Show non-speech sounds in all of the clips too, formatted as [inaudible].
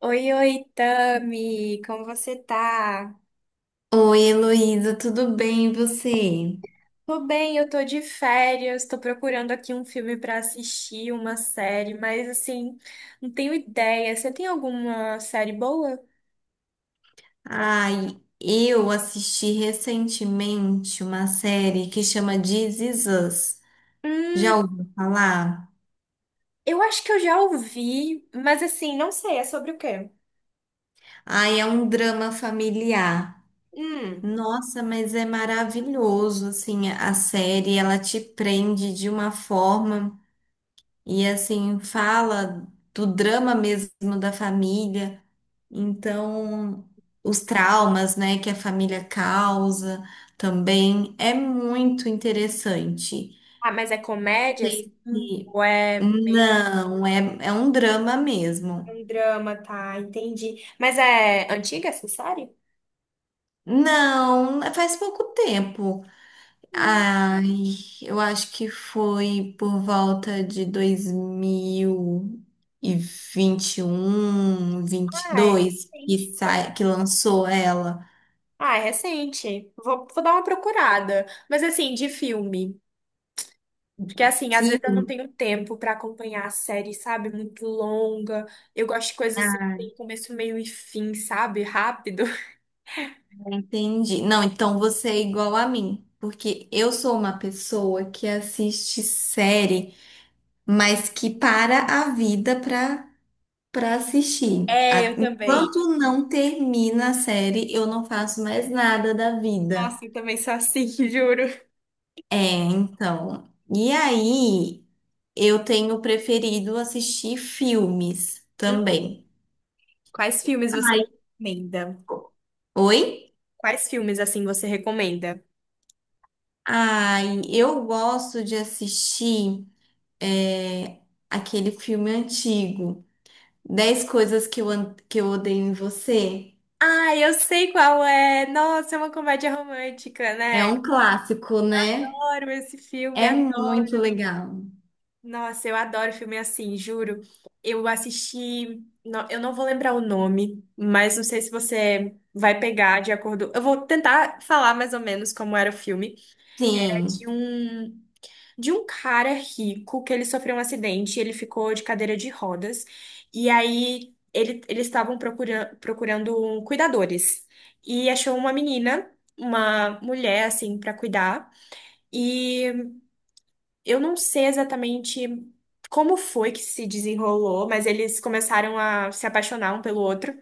Oi, oi, Tami, como você tá? Oi, Heloísa, tudo bem e você? Tô bem, eu tô de férias, tô procurando aqui um filme pra assistir, uma série, mas assim, não tenho ideia. Você tem alguma série boa? Ai, eu assisti recentemente uma série que chama This Is Us. Hum, Já ouviu falar? eu acho que eu já ouvi, mas assim, não sei, é sobre o quê? Ai, é um drama familiar. Hum. Nossa, mas é maravilhoso, assim, a série, ela te prende de uma forma e, assim, fala do drama mesmo da família. Então, os traumas, né, que a família causa também é muito interessante. Ah, mas é comédia? Assim? Sei se- Ou é meio Não, é um drama que mesmo. um drama, tá? Entendi. Mas é antiga essa série? Não, é, faz pouco tempo. Hum, Ai, eu acho que foi por volta de um 2021, ah, é dois que recente, sai, então. que lançou ela. Ah, é recente. Vou dar uma procurada. Mas assim, de filme. Porque assim, às vezes eu não tenho tempo pra acompanhar a série, sabe? Muito longa. Eu gosto de coisas que tem começo, meio e fim, sabe? Rápido. [laughs] Entendi. Não, então você é igual a mim, porque eu sou uma pessoa que assiste série, mas que para a vida para assistir. É, eu também. Enquanto não termina a série, eu não faço mais nada da vida. Nossa, eu também sou assim, [laughs] juro. É, então. E aí, eu tenho preferido assistir filmes Uhum. também. Quais filmes você me recomenda? Oi? Quais filmes assim você recomenda? Ai, eu gosto de assistir é, aquele filme antigo. Dez coisas que que eu odeio em você. Ah, eu sei qual é. Nossa, é uma comédia romântica, É né? um clássico, né? Adoro esse filme. É muito legal. Nossa, eu adoro filme assim, juro. Eu assisti, eu não vou lembrar o nome, mas não sei se você vai pegar de acordo. Eu vou tentar falar mais ou menos como era o filme. Era Sim. de um cara rico que ele sofreu um acidente, ele ficou de cadeira de rodas, e aí ele, eles estavam procurando, procurando cuidadores, e achou uma menina, uma mulher, assim, pra cuidar, e eu não sei exatamente como foi que se desenrolou, mas eles começaram a se apaixonar um pelo outro.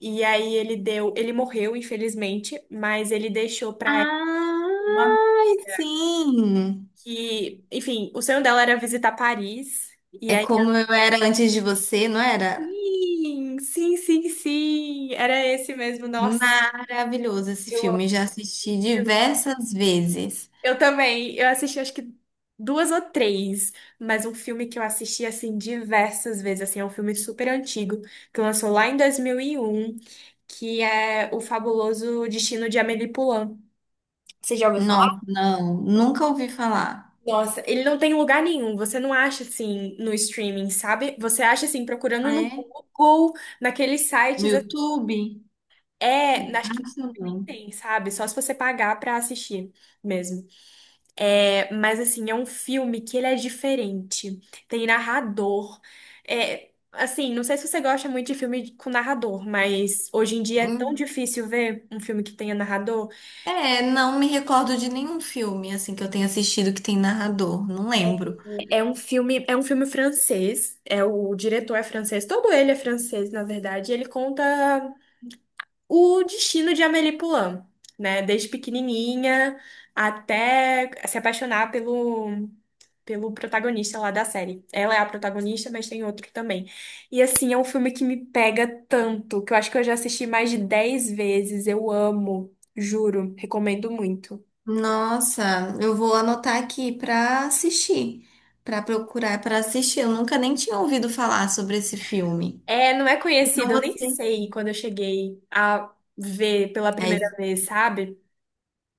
E aí ele deu, ele morreu, infelizmente, mas ele deixou pra ela uma Ai, sim. que, enfim, o sonho dela era visitar Paris. E É aí, como eu era antes de você, não era? sim, sim, sim, sim, era esse mesmo. Nossa, Maravilhoso esse eu amo. filme. Já assisti diversas vezes. Eu também. Eu assisti acho que duas ou três, mas um filme que eu assisti assim diversas vezes, assim, é um filme super antigo, que lançou lá em 2001, que é O Fabuloso Destino de Amélie Poulain. Você já ouviu Nossa, falar? não, nunca ouvi falar. Nossa, ele não tem lugar nenhum, você não acha assim no streaming, sabe? Você acha assim procurando Ah, no é? Google, naqueles No sites, YouTube? é, acho que Acho nem não. tem, sabe? Só se você pagar pra assistir mesmo. É, mas assim, é um filme que ele é diferente. Tem narrador. É, assim, não sei se você gosta muito de filme com narrador, mas hoje em dia é tão Hum. difícil ver um filme que tenha narrador. É, não me recordo de nenhum filme assim que eu tenha assistido que tem narrador. Não lembro. É um filme francês. É o diretor é francês, todo ele é francês, na verdade. E ele conta o destino de Amélie Poulain, né? Desde pequenininha até se apaixonar pelo protagonista lá da série. Ela é a protagonista, mas tem outro também. E assim, é um filme que me pega tanto, que eu acho que eu já assisti mais de 10 vezes. Eu amo, juro, recomendo muito. Nossa, eu vou anotar aqui para assistir, para procurar para assistir. Eu nunca nem tinha ouvido falar sobre esse filme. É, não é Então conhecido, eu nem você. sei quando eu cheguei a ver pela É primeira isso. vez, sabe?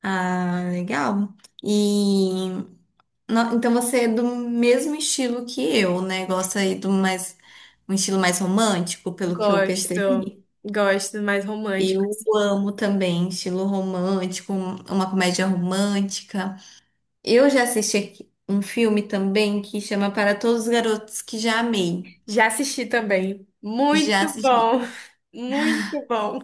Ah, legal. E então você é do mesmo estilo que eu, né? Gosta aí do mais um estilo mais romântico, pelo que eu Gosto, percebi. gosto mais romântico. Eu amo também estilo romântico, uma comédia romântica. Eu já assisti aqui um filme também que chama Para Todos os Garotos que Já Amei. Já assisti também. Muito Já assisti. bom. [laughs] Muito bom.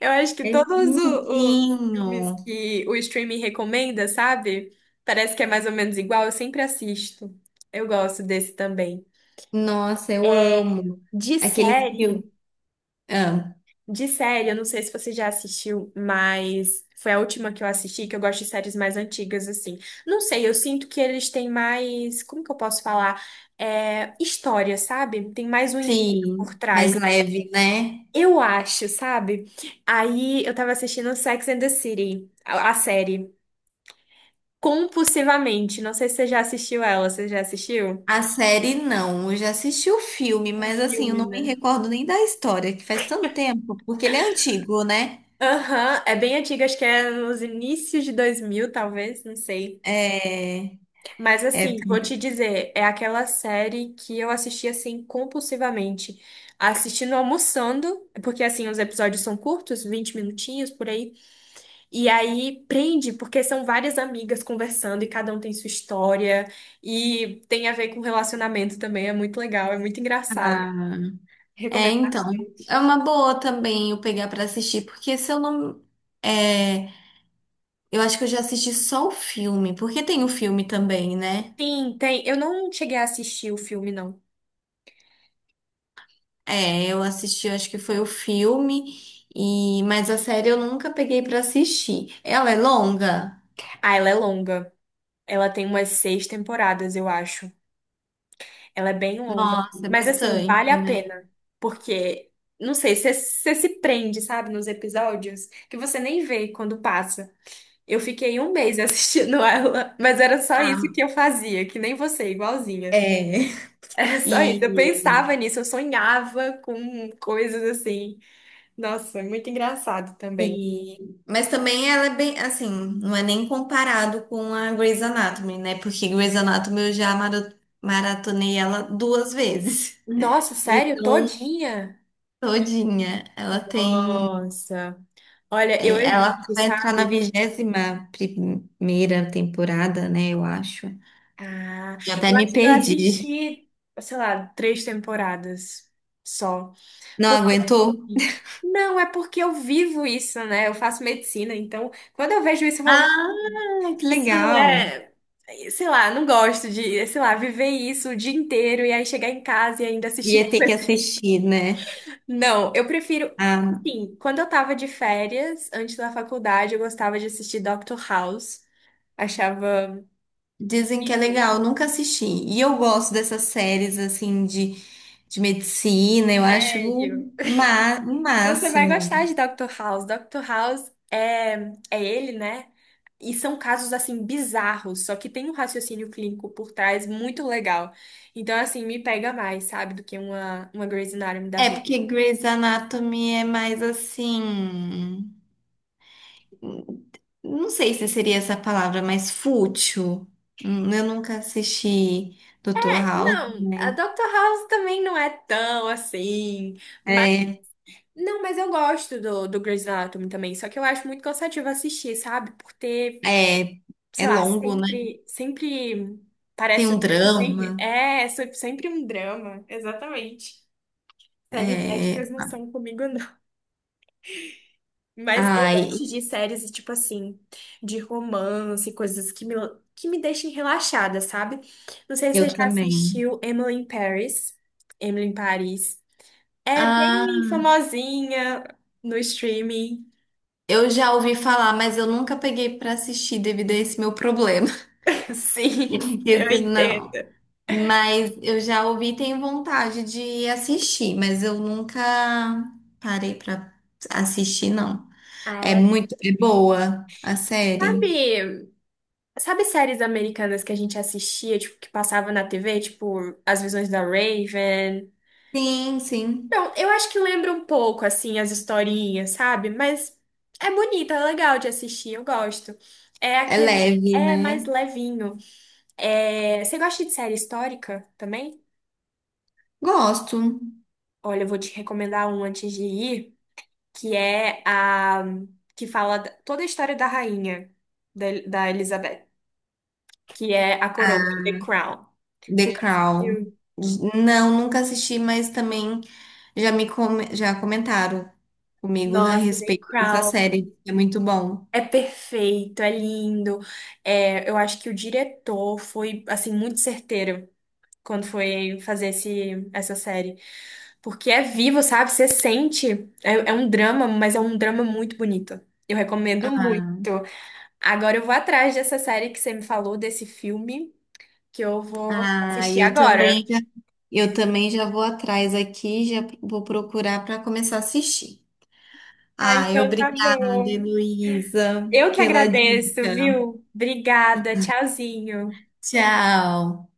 Eu acho que É todos os filmes lindinho. que o streaming recomenda, sabe? Parece que é mais ou menos igual, eu sempre assisto. Eu gosto desse também. Nossa, eu amo. De Aqueles filmes. série, Ah, de série, eu não sei se você já assistiu, mas foi a última que eu assisti, que eu gosto de séries mais antigas, assim. Não sei, eu sinto que eles têm mais, como que eu posso falar? É, história, sabe? Tem mais um enredo por sim, mais trás. leve, né? Eu acho, sabe? Aí eu tava assistindo Sex and the City, a série. Compulsivamente. Não sei se você já assistiu ela. Você já assistiu? A série não. Eu já assisti o filme, O mas assim, eu filme, não me né? recordo nem da história, que faz tanto tempo, porque ele é antigo, né? Aham, é bem antiga, acho que é nos inícios de 2000, talvez, não sei. É, Mas é, assim, vou te dizer, é aquela série que eu assisti assim compulsivamente. Assistindo almoçando, porque assim, os episódios são curtos, 20 minutinhos por aí. E aí prende, porque são várias amigas conversando e cada um tem sua história e tem a ver com relacionamento também, é muito legal, é muito engraçado. ah, é, Recomendo então. É bastante. uma boa também eu pegar pra assistir, porque se eu não. É, eu acho que eu já assisti só o filme, porque tem o filme também, né? Sim, tem. Eu não cheguei a assistir o filme, não. É, eu assisti, acho que foi o filme, e mas a série eu nunca peguei pra assistir. Ela é longa? Ah, ela é longa. Ela tem umas seis temporadas, eu acho. Ela é bem longa. Nossa, é Mas assim, vale bastante, a né? pena. Porque, não sei, você se prende, sabe, nos episódios que você nem vê quando passa. Eu fiquei um mês [laughs] assistindo ela, mas era só isso Ah, que eu fazia, que nem você, igualzinha. [laughs] é. Era [laughs] só E, isso. Eu pensava nisso, eu sonhava com coisas assim. Nossa, muito engraçado também. e- mas também ela é bem, assim, não é nem comparado com a Grey's Anatomy, né? Porque Grey's Anatomy eu já maratonei ela 2 vezes. [laughs] Nossa, sério? Então, Todinha? todinha, ela tem, Nossa. Olha, eu é, ela evito, vai entrar na sabe? 21ª temporada, né? Eu acho. Ah, Já até eu me acho que eu perdi. assisti, sei lá, três temporadas só. Não Porque aguentou? assim, não, é porque eu vivo isso, né? Eu faço medicina, então quando eu vejo isso, eu falo. Ah, que Isso não legal. é, sei lá, não gosto de, sei lá, viver isso o dia inteiro e aí chegar em casa e ainda Ia assistir [laughs] ter que coisa. assistir, né? Não, eu prefiro, Ah, assim, quando eu tava de férias, antes da faculdade, eu gostava de assistir Doctor House. Achava dizem que é legal, nunca assisti. E eu gosto dessas séries assim de medicina, eu acho o, sério. O Então você vai gostar máximo. de Doctor House. Doctor House é, é ele, né? E são casos assim bizarros, só que tem um raciocínio clínico por trás muito legal. Então assim, me pega mais, sabe, do que uma Grey's Anatomy da É vida. porque Grey's Anatomy é mais assim. Não sei se seria essa palavra, mas fútil. Eu nunca assisti Dr. House, Não, a mas Dr. House também não é tão assim. Mas, é, não, mas eu gosto do, do Grey's Anatomy também. Só que eu acho muito cansativo assistir, sabe? Por ter, é, é sei lá, longo, né? sempre Tem parece os um mesmos enredos. drama. É, sempre um drama, exatamente. Séries É... médicas não são comigo, não. Mas eu Ai, gosto de séries, tipo assim, de romance, coisas que me deixem relaxada, sabe? Não sei se você eu já também. assistiu Emily in Paris. Emily em Paris. É bem Ah, famosinha no streaming. eu já ouvi falar, mas eu nunca peguei pra assistir devido a esse meu problema. [laughs] Sim, [laughs] eu Esse não. entendo. Mas eu já ouvi e tenho vontade de assistir, mas eu nunca parei pra assistir, não. Ah, É ela. muito, é boa a série. Sabe, sabe séries americanas que a gente assistia, tipo, que passava na TV, tipo, As Visões da Raven? Sim, sim. Não, eu acho que lembra um pouco, assim, as historinhas, sabe? Mas é bonita, é legal de assistir, eu gosto. É É aquele. leve, É mais né? levinho. É, você gosta de série histórica também? Gosto. Olha, eu vou te recomendar um antes de ir. Que é a que fala da- toda a história da rainha da Elizabeth, que é a coroa, Ah, The Crown. Você The já Crown. assistiu? Não, nunca assisti, mas também já comentaram comigo a Nossa, The respeito dessa Crown. série. É muito bom. É perfeito, é lindo. É, eu acho que o diretor foi assim muito certeiro quando foi fazer essa série, porque é vivo, sabe? Você sente. É, é um drama, mas é um drama muito bonito. Eu recomendo muito. Ah, Agora eu vou atrás dessa série que você me falou, desse filme. Que eu vou ah, assistir agora. Eu também já vou atrás aqui, já vou procurar para começar a assistir. Ah, Ah, então tá obrigada, bom. Heloísa, Eu que pela agradeço, dica. viu? Obrigada, tchauzinho. Tchau.